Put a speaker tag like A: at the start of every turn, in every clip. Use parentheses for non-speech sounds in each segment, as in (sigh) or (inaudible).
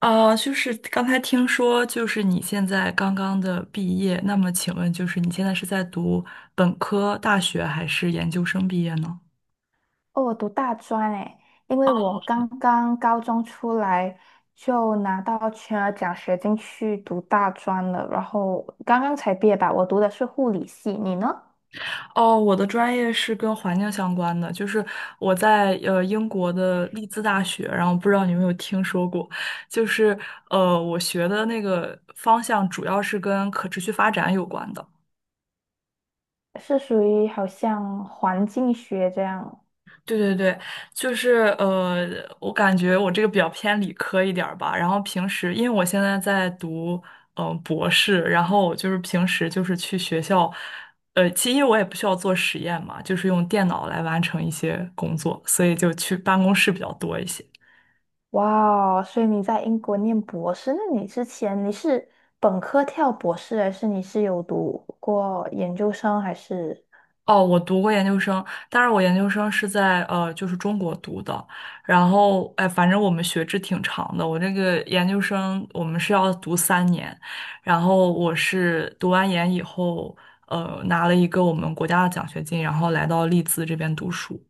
A: 啊，就是刚才听说，就是你现在刚刚的毕业，那么请问，就是你现在是在读本科大学还是研究生毕业呢？
B: 哦，我读大专诶，因为我刚刚高中出来就拿到全额奖学金去读大专了，然后刚刚才毕业吧。我读的是护理系，你呢？
A: 哦，我的专业是跟环境相关的，就是我在英国的利兹大学，然后不知道你有没有听说过，就是我学的那个方向主要是跟可持续发展有关的。
B: 是属于好像环境学这样。
A: 对对对，就是我感觉我这个比较偏理科一点儿吧。然后平时，因为我现在在读博士，然后我就是平时就是去学校，其实因为我也不需要做实验嘛，就是用电脑来完成一些工作，所以就去办公室比较多一些。
B: 哇哦，所以你在英国念博士，那你之前你是本科跳博士，还是你是有读过研究生，还是？
A: 哦，我读过研究生，但是我研究生是在就是中国读的。然后，哎，反正我们学制挺长的。我这个研究生我们是要读三年，然后我是读完研以后，拿了一个我们国家的奖学金，然后来到利兹这边读书。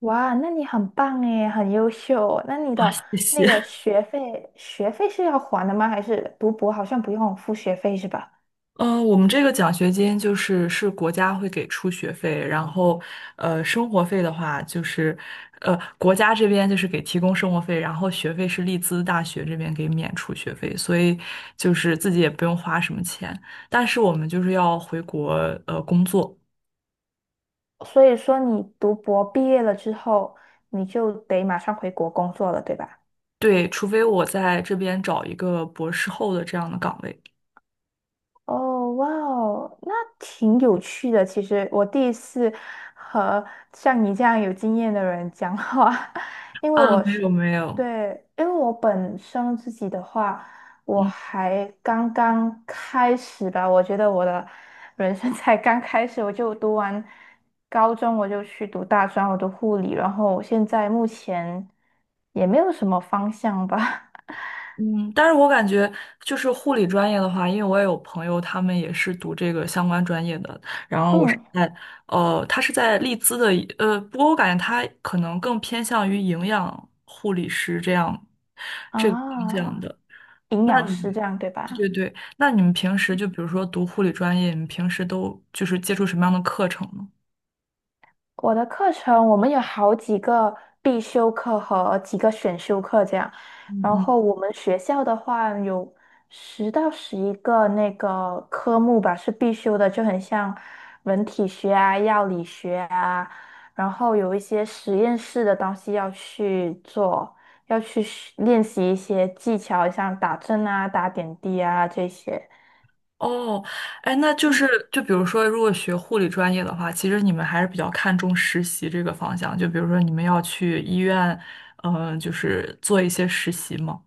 B: 哇，那你很棒诶，很优秀。那你
A: 哇，
B: 的
A: 谢
B: 那个
A: 谢。
B: 学费，学费是要还的吗？还是读博好像不用付学费是吧？
A: 我们这个奖学金就是是国家会给出学费，然后，生活费的话就是，国家这边就是给提供生活费，然后学费是利兹大学这边给免除学费，所以就是自己也不用花什么钱。但是我们就是要回国工作，
B: 所以说你读博毕业了之后，你就得马上回国工作了，对吧？
A: 对，除非我在这边找一个博士后的这样的岗位。
B: 哦，哇哦，那挺有趣的。其实我第一次和像你这样有经验的人讲话，(laughs) 因为
A: 啊，
B: 我
A: 没
B: 是，
A: 有没有，
B: 对，因为我本身自己的话，我
A: 嗯。
B: 还刚刚开始吧。我觉得我的人生才刚开始，我就读完高中，我就去读大专，我读护理，然后现在目前也没有什么方向吧。
A: 嗯，但是我感觉就是护理专业的话，因为我也有朋友，他们也是读这个相关专业的。然
B: (laughs)
A: 后我是
B: 嗯，
A: 在，他是在利兹的不过我感觉他可能更偏向于营养护理师这样这个方向
B: 啊，
A: 的。
B: 营
A: 那
B: 养
A: 你
B: 师这
A: 们，
B: 样对
A: 对
B: 吧？
A: 对，那你们平时就比如说读护理专业，你们平时都就是接触什么样的课程呢？
B: 我的课程我们有好几个必修课和几个选修课这样，
A: 嗯
B: 然
A: 嗯。
B: 后我们学校的话有10到11个那个科目吧是必修的，就很像人体学啊、药理学啊，然后有一些实验室的东西要去做，要去学练习一些技巧，像打针啊、打点滴啊这些。
A: 哦，哎，那就是
B: 嗯
A: 就比如说，如果学护理专业的话，其实你们还是比较看重实习这个方向。就比如说，你们要去医院，就是做一些实习嘛。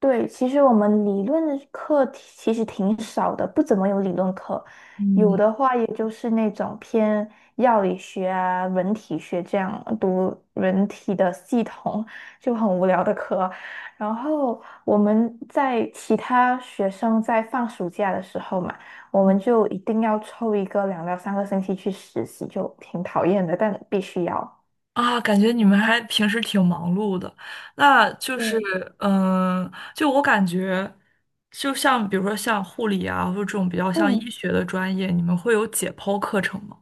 B: 对，其实我们理论的课题其实挺少的，不怎么有理论课，有
A: 嗯。
B: 的话也就是那种偏药理学啊、人体学这样读人体的系统，就很无聊的课。然后我们在其他学生在放暑假的时候嘛，我们就一定要抽一个2到3个星期去实习，就挺讨厌的，但必须要。
A: 啊，感觉你们还平时挺忙碌的，那就是，
B: 对，
A: 嗯，就我感觉，就像比如说像护理啊，或者这种比较像医
B: 嗯，
A: 学的专业，你们会有解剖课程吗？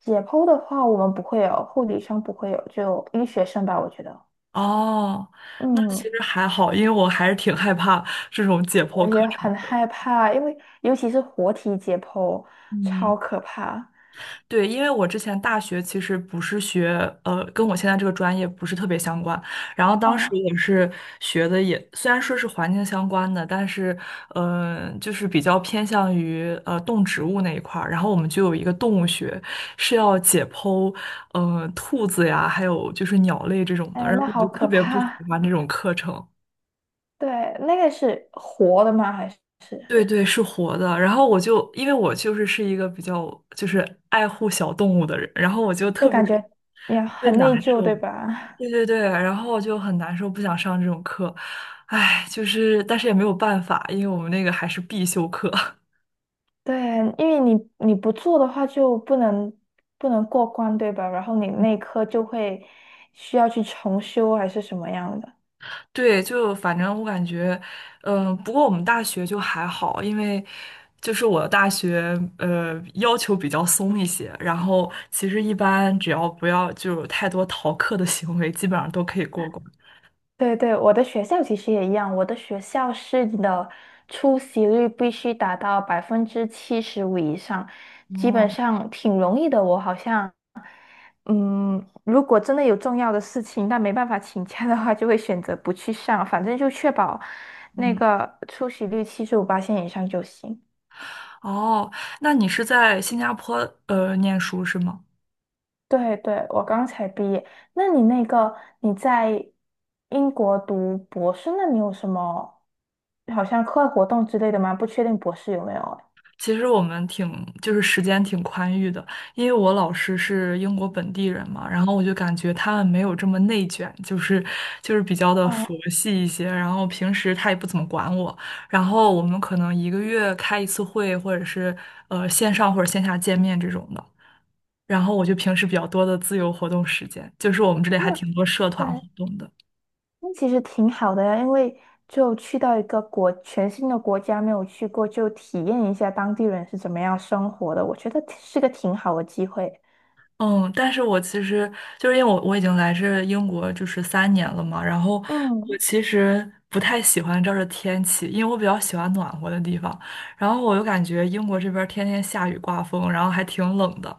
B: 解剖的话，我们不会有，护理上不会有，就医学生吧，我觉得。
A: 哦，那其
B: 嗯，
A: 实还好，因为我还是挺害怕这种解
B: 我
A: 剖课
B: 也
A: 程
B: 很
A: 的。
B: 害怕，因为尤其是活体解剖，
A: 嗯。
B: 超可怕。
A: 对，因为我之前大学其实不是学，跟我现在这个专业不是特别相关。然后当时
B: 嗯，
A: 也是学的也，虽然说是环境相关的，但是，就是比较偏向于动植物那一块儿。然后我们就有一个动物学，是要解剖，兔子呀，还有就是鸟类这种的。
B: 哎，
A: 然后
B: 那
A: 我
B: 好
A: 就特
B: 可
A: 别不喜
B: 怕。
A: 欢这种课程。
B: 对，那个是活的吗？还是
A: 对对，是活的。然后我就因为我就是一个比较就是爱护小动物的人，然后我就
B: 就
A: 特别
B: 感
A: 特
B: 觉也
A: 别
B: 很
A: 难
B: 内疚，
A: 受。
B: 对吧？
A: 对对对，然后就很难受，不想上这种课。唉，就是但是也没有办法，因为我们那个还是必修课。(laughs)
B: (laughs) 对，因为你不做的话就不能过关，对吧？然后你内科就会需要去重修还是什么样的。
A: 对，就反正我感觉，不过我们大学就还好，因为就是我的大学要求比较松一些，然后其实一般只要不要就有太多逃课的行为，基本上都可以过关。
B: 对对，我的学校其实也一样，我的学校是你的出席率必须达到75%以上，基
A: 哦，
B: 本上挺容易的。我好像，嗯，如果真的有重要的事情，但没办法请假的话，就会选择不去上，反正就确保那
A: 嗯，
B: 个出席率七十五八线以上就行。
A: 哦，那你是在新加坡念书是吗？
B: 对对，我刚才毕业。那你那个你在英国读博士，那你有什么好像课外活动之类的吗？不确定博士有没有啊。
A: 其实我们就是时间挺宽裕的，因为我老师是英国本地人嘛，然后我就感觉他们没有这么内卷，就是比较的佛
B: 哦，
A: 系一些，然后平时他也不怎么管我，然后我们可能一个月开一次会，或者是线上或者线下见面这种的，然后我就平时比较多的自由活动时间，就是我们这里还
B: 那
A: 挺多社团活
B: 对，
A: 动的。
B: 那其实挺好的呀，因为就去到一个国全新的国家没有去过，就体验一下当地人是怎么样生活的，我觉得是个挺好的机会。
A: 嗯，但是我其实就是因为我已经来这英国就是三年了嘛，然后我
B: 嗯，
A: 其实不太喜欢这儿的天气，因为我比较喜欢暖和的地方，然后我又感觉英国这边儿天天下雨刮风，然后还挺冷的，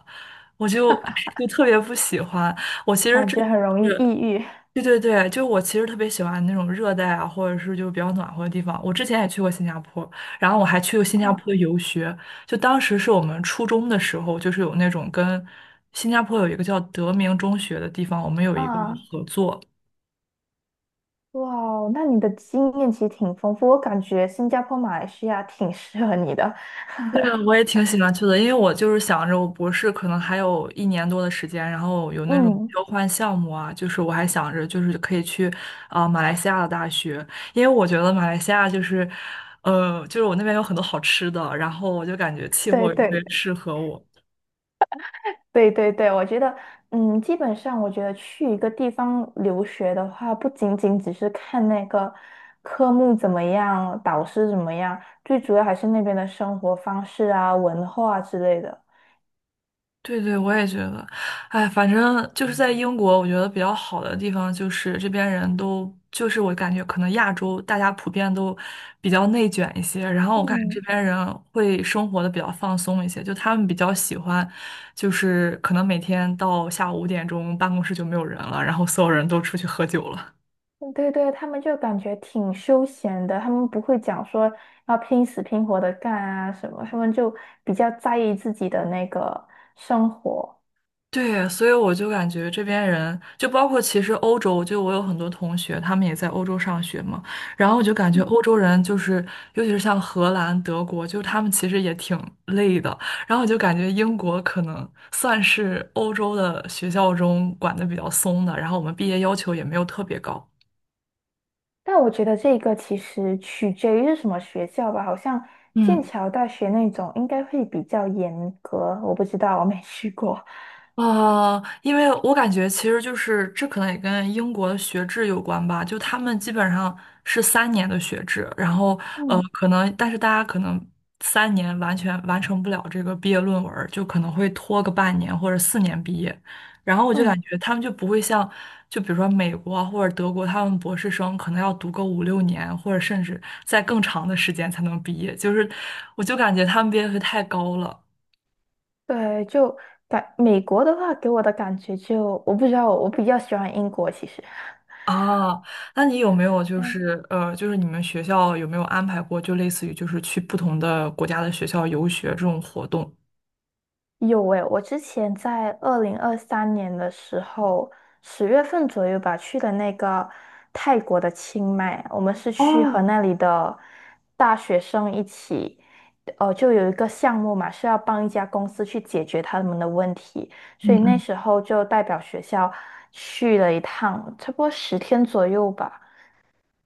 A: 我就 (laughs) 就特别不喜欢。我其实
B: 感
A: 真
B: 觉很容
A: 的
B: 易
A: 是。
B: 抑郁。
A: 对对对，就我其实特别喜欢那种热带啊，或者是就比较暖和的地方。我之前也去过新加坡，然后我还去过新加坡
B: 啊
A: 游学。就当时是我们初中的时候，就是有那种跟新加坡有一个叫德明中学的地方，我们有一个
B: 啊，
A: 合作，
B: 哇哦，那你的经验其实挺丰富，我感觉新加坡、马来西亚挺适合你的。
A: 对
B: (laughs)
A: 啊，我也挺喜欢去的，因为我就是想着我博士可能还有一年多的时间，然后有那种
B: 嗯，
A: 交换项目啊，就是我还想着就是可以去马来西亚的大学，因为我觉得马来西亚就是，就是我那边有很多好吃的，然后我就感觉气
B: 对
A: 候也特别
B: 对。
A: 适合我。
B: 对对对，我觉得，嗯，基本上我觉得去一个地方留学的话，不仅仅只是看那个科目怎么样，导师怎么样，最主要还是那边的生活方式啊、文化啊之类的。
A: 对对，我也觉得，哎，反正就是在英国，我觉得比较好的地方就是这边人都，就是我感觉可能亚洲大家普遍都比较内卷一些，然后我感觉这
B: 嗯，
A: 边人会生活的比较放松一些，就他们比较喜欢，就是可能每天到下午5点钟办公室就没有人了，然后所有人都出去喝酒了。
B: 对对，他们就感觉挺休闲的，他们不会讲说要拼死拼活的干啊什么，他们就比较在意自己的那个生活。
A: 对，所以我就感觉这边人，就包括其实欧洲，就我有很多同学，他们也在欧洲上学嘛，然后我就感觉欧洲人就是，尤其是像荷兰、德国，就他们其实也挺累的，然后我就感觉英国可能算是欧洲的学校中管的比较松的，然后我们毕业要求也没有特别高。
B: 但我觉得这个其实取决于是什么学校吧，好像剑
A: 嗯。
B: 桥大学那种应该会比较严格，我不知道，我没去过。
A: 啊，因为我感觉其实就是这可能也跟英国的学制有关吧，就他们基本上是三年的学制，然后
B: 嗯
A: 可能但是大家可能三年完全完成不了这个毕业论文儿就可能会拖个半年或者四年毕业，然后我就感
B: 嗯
A: 觉他们就不会像就比如说美国啊或者德国，他们博士生可能要读个5、6年或者甚至在更长的时间才能毕业，就是我就感觉他们毕业率太高了。
B: 对，就感美国的话，给我的感觉就我不知道，我比较喜欢英国其实。
A: 哦，那你有没有就是就是你们学校有没有安排过，就类似于就是去不同的国家的学校游学这种活动？
B: 有诶，我之前在2023年的时候，10月份左右吧，去了那个泰国的清迈，我们是去和
A: 哦，
B: 那里的大学生一起，呃，就有一个项目嘛，是要帮一家公司去解决他们的问题，所以那
A: 嗯
B: 时候就代表学校去了一趟，差不多10天左右吧。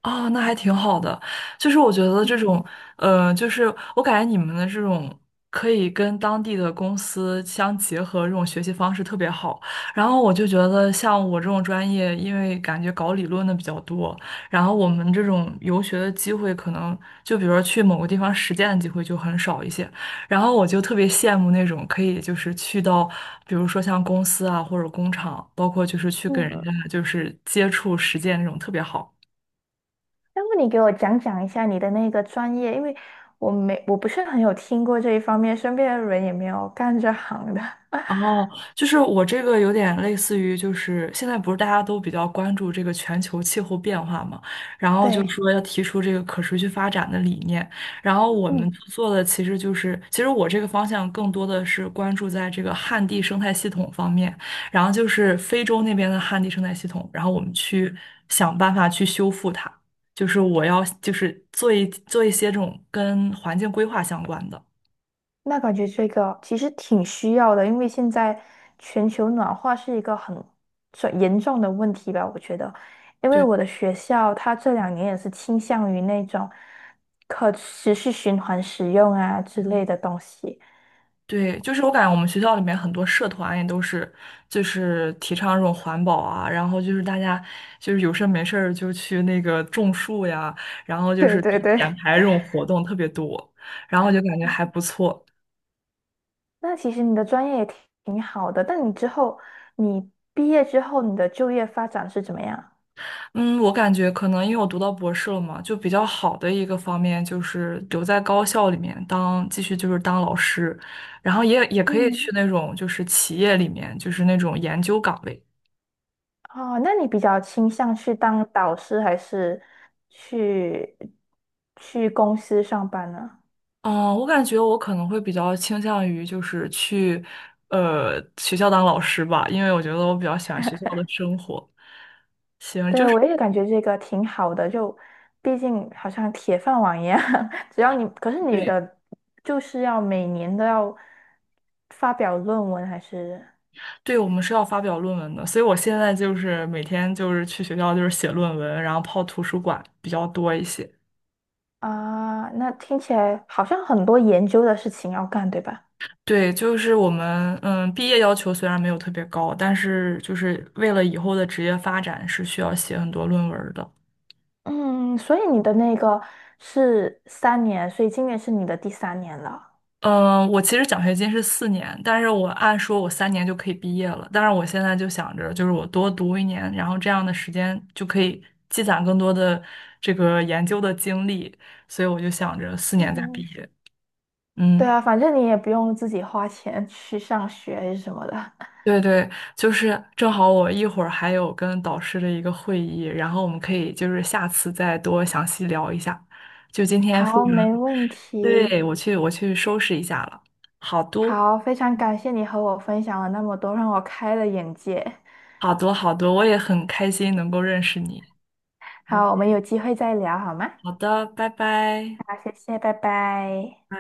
A: 啊，那还挺好的。就是我觉得这
B: 嗯
A: 种，就是我感觉你们的这种可以跟当地的公司相结合，这种学习方式特别好。然后我就觉得，像我这种专业，因为感觉搞理论的比较多，然后我们这种游学的机会，可能就比如说去某个地方实践的机会就很少一些。然后我就特别羡慕那种可以就是去到，比如说像公司啊或者工厂，包括就是去跟人
B: 嗯，
A: 家就是接触实践那种特别好。
B: 要不你给我讲讲一下你的那个专业，因为我不是很有听过这一方面，身边的人也没有干这行的。(laughs)
A: 哦，就是我这个有点类似于，就是现在不是大家都比较关注这个全球气候变化嘛，然后就
B: 对，
A: 说要提出这个可持续发展的理念，然后我们
B: 嗯，
A: 做的其实就是，其实我这个方向更多的是关注在这个旱地生态系统方面，然后就是非洲那边的旱地生态系统，然后我们去想办法去修复它，就是我要就是做一些这种跟环境规划相关的，
B: 那感觉这个其实挺需要的，因为现在全球暖化是一个很严重的问题吧，我觉得。因为
A: 对。
B: 我的学校，它这两年也是倾向于那种可持续循环使用啊之
A: 嗯
B: 类的东西。
A: 对，就是我感觉我们学校里面很多社团也都是，就是提倡这种环保啊，然后就是大家就是有事儿没事儿就去那个种树呀，然后就
B: 对
A: 是去
B: 对对，
A: 捡排这种活动特别多，然后就感觉还不错。
B: 那其实你的专业也挺好的，但你之后，你毕业之后，你的就业发展是怎么样？
A: 嗯，我感觉可能因为我读到博士了嘛，就比较好的一个方面就是留在高校里面当继续就是当老师，然后也可以去
B: 嗯。
A: 那种就是企业里面就是那种研究岗位。
B: 哦，那你比较倾向去当导师，还是去公司上班呢？
A: 哦，我感觉我可能会比较倾向于就是去，学校当老师吧，因为我觉得我比较喜欢学校的生活。
B: 对，我也感觉这个挺好的，就毕竟好像铁饭碗一样，(laughs) 只要你，可是你
A: 对，
B: 的就是要每年都要发表论文，还是
A: 对，我们是要发表论文的，所以我现在就是每天就是去学校就是写论文，然后泡图书馆比较多一些。
B: 啊？那听起来好像很多研究的事情要干，对吧？
A: 对，就是我们毕业要求虽然没有特别高，但是就是为了以后的职业发展是需要写很多论文的。
B: 嗯，所以你的那个是三年，所以今年是你的第3年了。
A: 嗯，我其实奖学金是四年，但是我按说我三年就可以毕业了。但是我现在就想着，就是我多读一年，然后这样的时间就可以积攒更多的这个研究的经历，所以我就想着四年再毕
B: 嗯，
A: 业。
B: 对
A: 嗯，
B: 啊，反正你也不用自己花钱去上学还是什么的。(laughs)
A: 对对，就是正好我一会儿还有跟导师的一个会议，然后我们可以就是下次再多详细聊一下。就今天非
B: 好，没
A: 常，
B: 问
A: 对，
B: 题。
A: 我去收拾一下了。好多
B: 好，非常感谢你和我分享了那么多，让我开了眼界。
A: 好多好多，我也很开心能够认识你。
B: 好，我们有机会再聊好吗？
A: 好的，拜拜。
B: 好，谢谢，拜拜。
A: 拜。